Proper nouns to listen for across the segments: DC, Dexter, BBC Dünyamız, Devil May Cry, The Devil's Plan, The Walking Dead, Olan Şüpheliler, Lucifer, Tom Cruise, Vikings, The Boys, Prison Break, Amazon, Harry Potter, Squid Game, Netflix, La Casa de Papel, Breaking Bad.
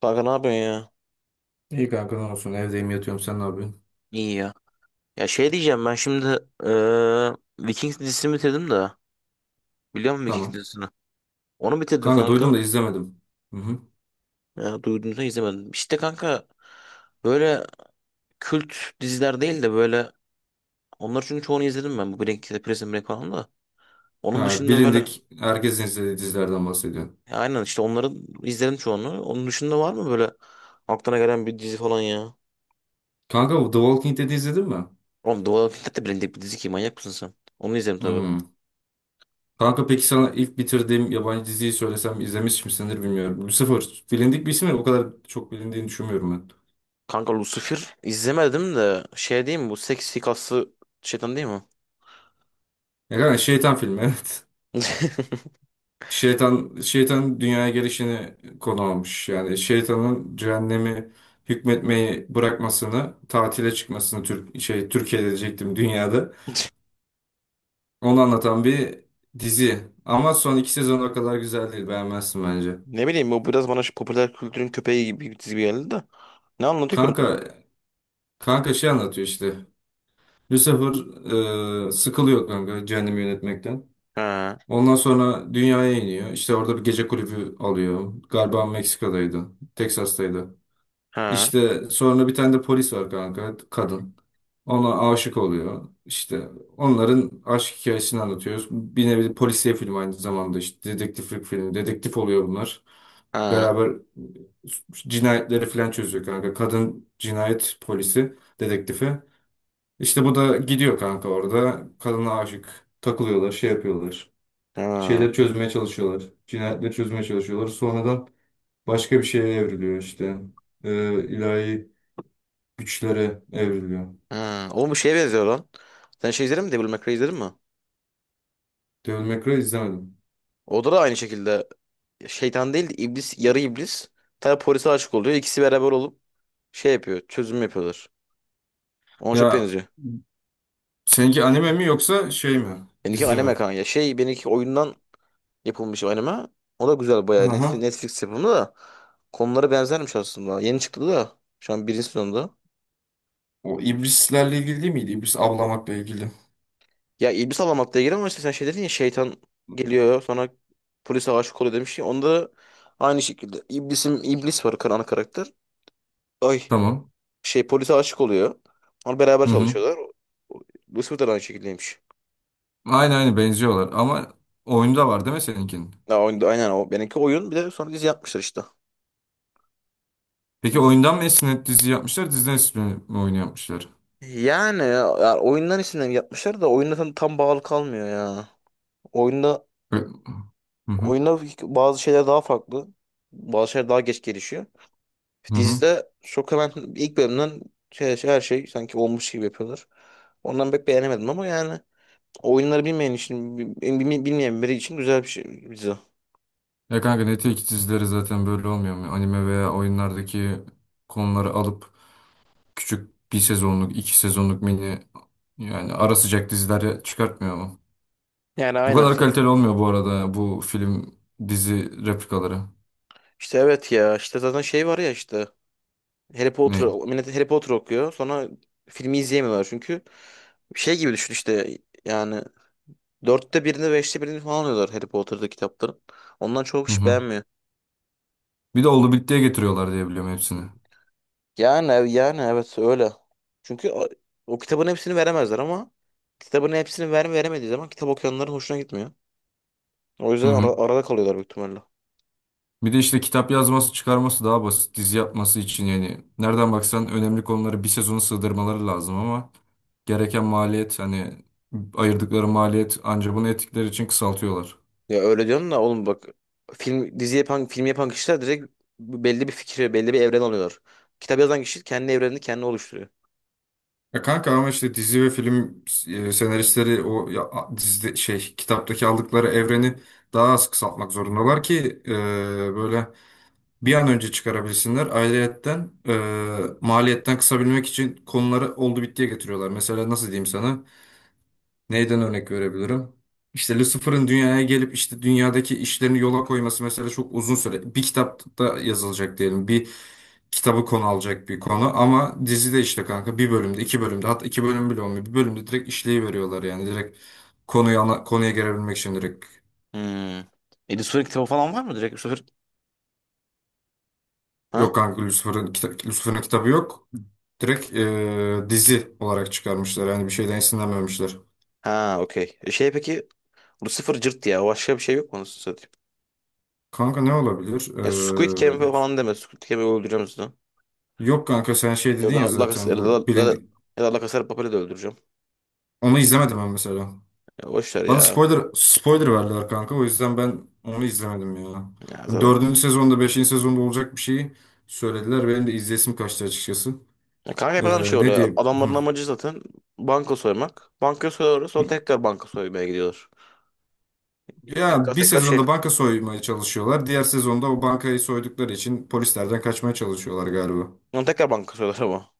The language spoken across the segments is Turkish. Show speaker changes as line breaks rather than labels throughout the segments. Kanka ne yapıyorsun ya?
İyi kanka, ne olsun, evdeyim yatıyorum. Sen ne yapıyorsun?
İyi ya. Ya şey diyeceğim ben şimdi, Vikings dizisini bitirdim de. Biliyor musun Vikings
Tamam.
dizisini? Onu bitirdim
Kanka doydum
kanka.
da izlemedim. Hı hı.
Ya, duyduğunuzda izlemedim. İşte kanka, böyle kült diziler değil de böyle onlar, çünkü çoğunu izledim ben. Bu Breaking Prison Break falan da. Onun
Ha,
dışında böyle,
bilindik herkesin izlediği dizilerden bahsediyorum.
ya aynen işte onları izledim çoğunu. Onun dışında var mı böyle aklına gelen bir dizi falan ya?
Kanka bu The Walking Dead'i izledin mi?
Oğlum The Walking Dead de bilindik bir dizi ki, manyak mısın sen? Onu izledim tabii.
Hmm. Kanka peki sana ilk bitirdiğim yabancı diziyi söylesem izlemiş misindir bilmiyorum. Lucifer bilindik bir isim ya, o kadar çok bilindiğini düşünmüyorum ben.
Kanka Lucifer izlemedim de şey diyeyim mi, bu seksi kaslı şeytan değil mi?
Ya kanka şeytan filmi evet. Şeytan dünyaya gelişini konu almış. Yani şeytanın cehennemi hükmetmeyi bırakmasını, tatile çıkmasını Türkiye'de diyecektim, dünyada. Onu anlatan bir dizi. Ama son iki sezon o kadar güzel değil. Beğenmezsin bence.
Ne bileyim, bu biraz bana şu popüler kültürün köpeği gibi bir çizgi geldi de. Ne anlatıyor ki onda?
Kanka, kanka, şey anlatıyor işte. Lucifer sıkılıyor kanka cehennemi yönetmekten.
Ha
Ondan sonra dünyaya iniyor. İşte orada bir gece kulübü alıyor. Galiba Meksika'daydı. Teksas'taydı.
ha
İşte sonra bir tane de polis var kanka. Kadın. Ona aşık oluyor. İşte onların aşk hikayesini anlatıyoruz. Bir nevi polisiye film, aynı zamanda işte dedektiflik filmi. Dedektif oluyor bunlar.
ha
Beraber cinayetleri falan çözüyor kanka. Kadın cinayet polisi, dedektifi. İşte bu da gidiyor kanka orada. Kadına aşık. Takılıyorlar, şey yapıyorlar.
ha
Şeyleri çözmeye çalışıyorlar. Cinayetleri çözmeye çalışıyorlar. Sonradan başka bir şeye evriliyor işte. İlahi güçlere evriliyor.
ha. Oğlum bu şeye benziyor lan. Sen şey izledin mi? Devil May Cry izledin mi?
Devil May Cry izlemedim.
O da aynı şekilde şeytan değil de iblis, yarı iblis. Tabi polise aşık oluyor. İkisi beraber olup şey yapıyor. Çözüm yapıyorlar. Ona çok
Ya
benziyor.
seninki anime mi yoksa şey mi?
Benimki
Dizi
anime
mi?
kanka. Şey, benimki oyundan yapılmış anime. O da güzel bayağı. Netflix,
Aha.
Netflix yapımı da, konuları benzermiş aslında. Yeni çıktı da şu an birinci sezonda.
O iblislerle ilgili değil miydi? İblis avlamakla ilgili.
Ya iblis Alamak diye giriyor ama işte sen şey dedin ya, şeytan geliyor sonra polise aşık oluyor demiş ya. Onda aynı şekilde iblisim iblis var, ana karakter. Ay
Tamam.
şey, polise aşık oluyor. Onlar beraber
Hı hı.
çalışıyorlar. Lucifer da aynı şekildeymiş.
Aynı benziyorlar ama oyunda var değil mi seninkinin?
Ya, aynen o. Benimki oyun, bir de sonra dizi yapmışlar işte.
Peki oyundan mı esinlenip dizi yapmışlar, diziden esinlenip mi oyun yapmışlar?
Yani, ya, oyundan isimlerini yapmışlar da oyunda tam bağlı kalmıyor ya. Oyunda
Ö- Hı hı
Oyunda bazı şeyler daha farklı. Bazı şeyler daha geç gelişiyor.
hı hı.
Dizide çok hemen ilk bölümden her şey sanki olmuş gibi yapıyorlar. Ondan pek beğenemedim ama yani oyunları bilmeyen için, bilmeyen biri için güzel bir şey dizi.
Ya kanka Netflix dizileri zaten böyle olmuyor mu? Anime veya oyunlardaki konuları alıp küçük bir sezonluk, iki sezonluk mini, yani ara sıcak diziler çıkartmıyor mu?
Yani
Bu
aynen.
kadar kaliteli olmuyor bu arada, bu film dizi replikaları.
İşte evet ya, işte zaten şey var ya işte, Harry Potter,
Ne?
millet Harry Potter okuyor sonra filmi izleyemiyorlar çünkü şey gibi düşün işte, yani dörtte birini beşte birini falan alıyorlar Harry Potter'da kitapların. Ondan çok
Hı
kişi
hı.
beğenmiyor.
Bir de oldu bittiye getiriyorlar diye biliyorum hepsini.
Yani yani evet, öyle. Çünkü o, o kitabın hepsini veremezler ama kitabın hepsini veremediği zaman kitap okuyanların hoşuna gitmiyor. O
Hı
yüzden
hı.
arada kalıyorlar büyük ihtimalle.
Bir de işte kitap yazması, çıkarması daha basit. Dizi yapması için yani nereden baksan önemli konuları bir sezona sığdırmaları lazım ama gereken maliyet, hani ayırdıkları maliyet ancak bunu ettikleri için kısaltıyorlar.
Ya öyle diyorsun da oğlum bak, film dizi yapan, film yapan kişiler direkt belli bir fikri, belli bir evren alıyorlar. Kitap yazan kişi kendi evrenini kendi oluşturuyor.
Ya kanka ama işte dizi ve film senaristleri o ya, dizide şey, kitaptaki aldıkları evreni daha az kısaltmak zorundalar ki böyle bir an önce çıkarabilsinler. Ayrıyetten maliyetten kısabilmek için konuları oldu bittiye getiriyorlar. Mesela nasıl diyeyim sana? Neyden örnek verebilirim? İşte Lucifer'ın dünyaya gelip işte dünyadaki işlerini yola koyması mesela çok uzun süre. Bir kitapta yazılacak diyelim. Bir kitabı konu alacak bir konu ama dizide işte kanka bir bölümde, iki bölümde, hatta iki bölüm bile olmuyor. Bir bölümde direkt işleyi veriyorlar yani, direkt konuya gelebilmek için direkt.
Hmm. Edis Suvar'ın kitabı falan var mı direkt? Bu sefer Ha?
Yok kanka Lucifer'ın kitabı yok. Direkt dizi olarak çıkarmışlar. Yani bir şeyden esinlenmemişler.
Ha okey. E şey peki, bu sıfır cırt ya. Başka bir şey yok mu anasını satayım?
Kanka ne olabilir?
Ya Squid Game falan deme. Squid Game'i öldüreceğim sizi.
Yok kanka, sen şey
Ya
dedin
da
ya
La Casa,
zaten,
ya da,
bu
La, La-
bilindik.
ya da La Casa de Papel'i de öldüreceğim.
Onu izlemedim ben mesela.
Ya boş ver
Bana
ya.
spoiler verdiler kanka. O yüzden ben onu izlemedim ya.
Ya
Hani
zaten.
dördüncü sezonda, beşinci sezonda olacak bir şeyi söylediler. Benim de izlesim kaçtı açıkçası.
Ya kanka hep aynı şey
Ne
oluyor.
diyeyim? Hı.
Adamların amacı zaten banka soymak. Banka soyuyorlar sonra tekrar banka soymaya gidiyorlar. Tekrar
Ya bir
tekrar şey.
sezonda banka soymaya çalışıyorlar. Diğer sezonda o bankayı soydukları için polislerden kaçmaya çalışıyorlar galiba.
Sonra tekrar banka soyuyorlar ama.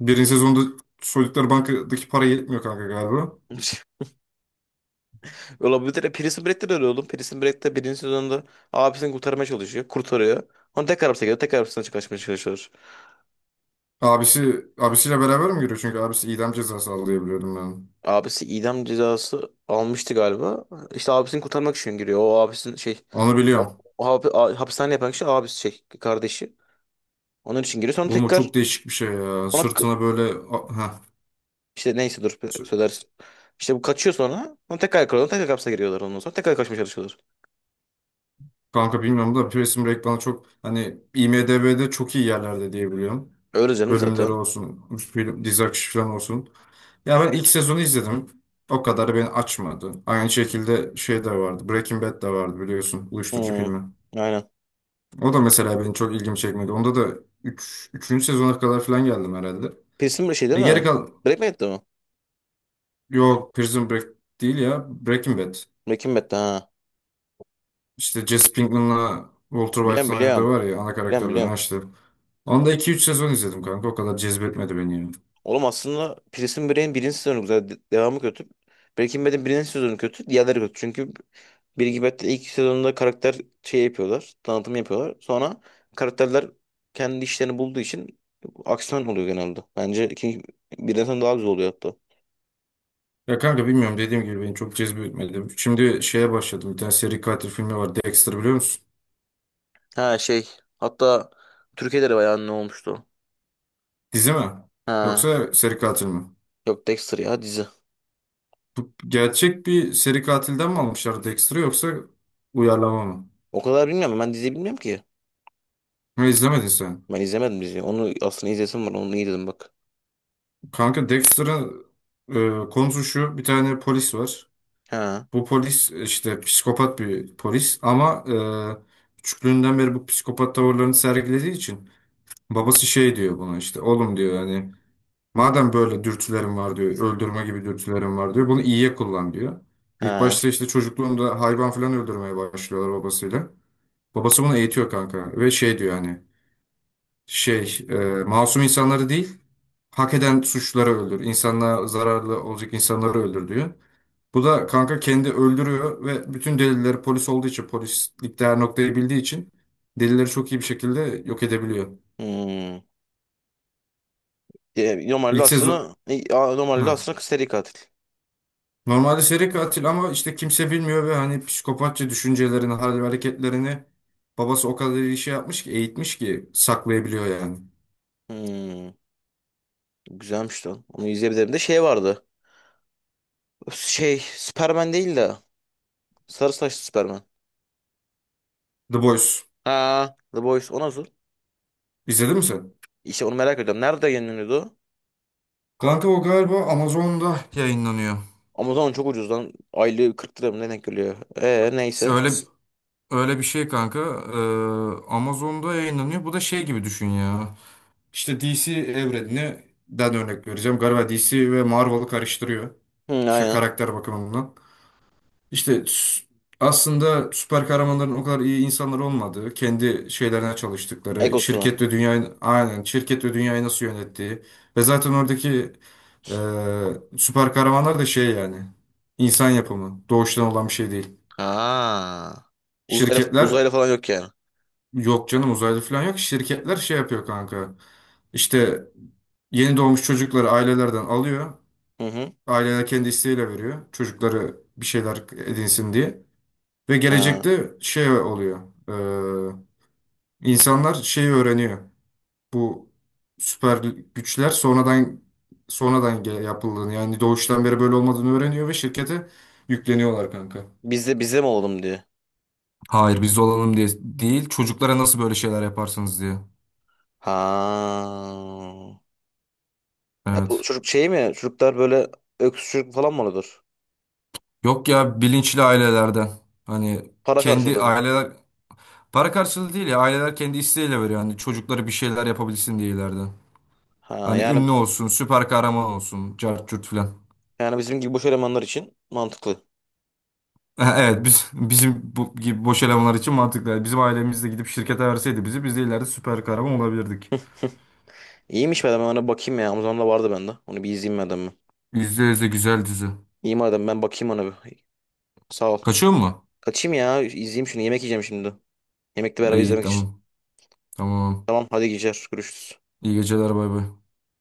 Birinci sezonda soydukları bankadaki para yetmiyor kanka galiba.
Öyle, bir de Prison Break'te de öyle oğlum. Prison Break'te birinci sezonda abisini kurtarmaya çalışıyor. Kurtarıyor. Sonra tekrar hapse giriyor. Tekrar hapisten kaçmaya çalışıyor.
Abisiyle beraber mi giriyor? Çünkü abisi idam cezası alıyor biliyordum ben.
Abisi idam cezası almıştı galiba. İşte abisini kurtarmak için giriyor. O abisinin şey,
Onu
o,
biliyorum.
o hapishane yapan kişi abisi, şey, kardeşi. Onun için giriyor. Sonra
Oğlum o
tekrar
çok değişik bir şey ya.
ona k-
Sırtına böyle ha
işte neyse dur
sü-
söylersin. İşte bu kaçıyor sonra. Sonra tekrar yakalıyorlar. Tekrar hapse giriyorlar ondan sonra. Tekrar kaçmaya çalışıyorlar.
kanka bilmiyorum da, Prison Break bana çok hani IMDb'de çok iyi yerlerde diye biliyorum.
Öyle canım
Bölümleri
zaten.
olsun, film, dizi akışı falan olsun. Ya ben ilk sezonu izledim. O kadar beni açmadı. Aynı şekilde şey de vardı. Breaking Bad de vardı biliyorsun. Uyuşturucu
Hmm,
filmi.
aynen.
O da mesela beni çok ilgimi çekmedi. Onda da üçüncü sezona kadar falan geldim herhalde.
Pilsin bir şey değil
Ve geri
mi?
kal...
Breaking Bad'de mi?
Yok, Prison Break değil ya. Breaking Bad.
Breaking Bad'de ha.
İşte Jesse Pinkman'la Walter
Biliyorum,
White'ın oynadığı
biliyorum.
var ya, ana
Biliyorum,
karakterler. Ha
biliyorum.
işte. Onda iki üç sezon izledim kanka. O kadar cezbetmedi beni yani.
Oğlum aslında Prison Break'in birinci sezonu güzel. Devamı kötü. Breaking Bad'in birinci sezonu kötü. Diğerleri kötü. Çünkü Breaking Bad'de ilk sezonunda karakter şey yapıyorlar. Tanıtım yapıyorlar. Sonra karakterler kendi işlerini bulduğu için aksiyon oluyor genelde. Bence ikinci, birden sonra daha güzel oluyor hatta.
Ya kanka bilmiyorum, dediğim gibi beni çok cezbetmedi. Şimdi şeye başladım. Bir tane seri katil filmi var. Dexter biliyor musun?
Ha şey. Hatta Türkiye'de de bayağı ne olmuştu.
Dizi mi?
Ha.
Yoksa seri katil mi?
Yok Dexter ya, dizi.
Gerçek bir seri katilden mi almışlar Dexter'ı yoksa uyarlama mı?
O kadar bilmiyorum. Ben dizi bilmiyorum ki.
Ne izlemedin sen?
Ben izlemedim diziyi. Onu aslında izlesim var. Onu iyi dedim bak.
Kanka Dexter'ın konusu şu. Bir tane polis var.
Ha.
Bu polis işte psikopat bir polis ama küçüklüğünden beri bu psikopat tavırlarını sergilediği için babası şey diyor buna, işte oğlum diyor, hani madem böyle dürtülerim var diyor, öldürme gibi dürtülerim var diyor, bunu iyiye kullan diyor. İlk
Ha.
başta işte çocukluğunda hayvan falan öldürmeye başlıyorlar babasıyla. Babası bunu eğitiyor kanka ve şey diyor, hani şey e, masum insanları değil, hak eden suçları öldür, insanlığa zararlı olacak insanları öldür diyor. Bu da kanka kendi öldürüyor ve bütün delilleri, polis olduğu için, polislik değer noktayı bildiği için, delilleri çok iyi bir şekilde yok edebiliyor.
Hmm. E, normalde
İlk sezon
aslında, normalde
ha.
aslında seri katil.
Normalde seri katil ama işte kimse bilmiyor ve hani psikopatça düşüncelerini, hal ve hareketlerini babası o kadar iyi şey yapmış ki, eğitmiş ki saklayabiliyor yani.
Hmm, güzelmiş lan. Onu izleyebilirim. De şey vardı. Şey Superman değil de, sarı saçlı Superman.
The Boys.
Ha, The Boys, o nasıl?
İzledin mi sen?
İşte onu merak ediyorum. Nerede yayınlanıyordu o?
Kanka o galiba Amazon'da yayınlanıyor.
Amazon çok ucuz lan. Aylığı 40 lira mı ne denk geliyor? Neyse.
Öyle öyle bir şey kanka. Amazon'da yayınlanıyor. Bu da şey gibi düşün ya. İşte DC evreninden örnek vereceğim. Galiba DC ve Marvel'ı karıştırıyor.
Hı,
İşte
aynen.
karakter bakımından. İşte aslında süper kahramanların o kadar iyi insanlar olmadığı, kendi şeylerine çalıştıkları,
Egosunu.
şirket ve dünyayı nasıl yönettiği ve zaten oradaki e, süper kahramanlar da şey yani insan yapımı, doğuştan olan bir şey değil.
Ha. Uzaylı,
Şirketler.
uzaylı falan yok yani.
Yok canım, uzaylı falan yok. Şirketler şey yapıyor kanka. İşte yeni doğmuş çocukları ailelerden alıyor.
Hı hı.
Aileler kendi isteğiyle veriyor. Çocukları bir şeyler edinsin diye. Ve
Ha.
gelecekte şey oluyor. Ee, insanlar şeyi öğreniyor. Bu süper güçler sonradan yapıldığını, yani doğuştan beri böyle olmadığını öğreniyor ve şirkete yükleniyorlar kanka.
Bizde, mi olalım diye.
Hayır, biz olalım diye değil. Çocuklara nasıl böyle şeyler yaparsınız diye.
Ha. Ya bu
Evet.
çocuk şey mi? Çocuklar böyle öksürük falan mı oluyordur?
Yok ya, bilinçli ailelerden. Hani
Para
kendi
karşılığı mı?
aileler para karşılığı değil ya, aileler kendi isteğiyle veriyor. Hani çocukları bir şeyler yapabilsin diye ileride.
Ha
Hani
yani,
ünlü olsun, süper kahraman olsun, cart curt filan.
yani bizim gibi boş elemanlar için mantıklı.
Evet, bizim bu gibi boş elemanlar için mantıklı. Yani bizim ailemizde gidip şirkete verseydi bizi, biz de ileride süper kahraman olabilirdik.
İyiymiş, madem ben ona bakayım ya. Amazon'da da vardı bende. Onu bir izleyeyim madem ben.
%100 de güzel dizi.
İyi madem, ben bakayım ona bir. Sağ ol.
Kaçıyor mu?
Kaçayım ya. İzleyeyim şunu. Yemek yiyeceğim şimdi. Yemekle beraber
İyi,
izlemek için.
tamam. Tamam.
Tamam hadi, geceler. Görüşürüz.
İyi geceler, bay bay.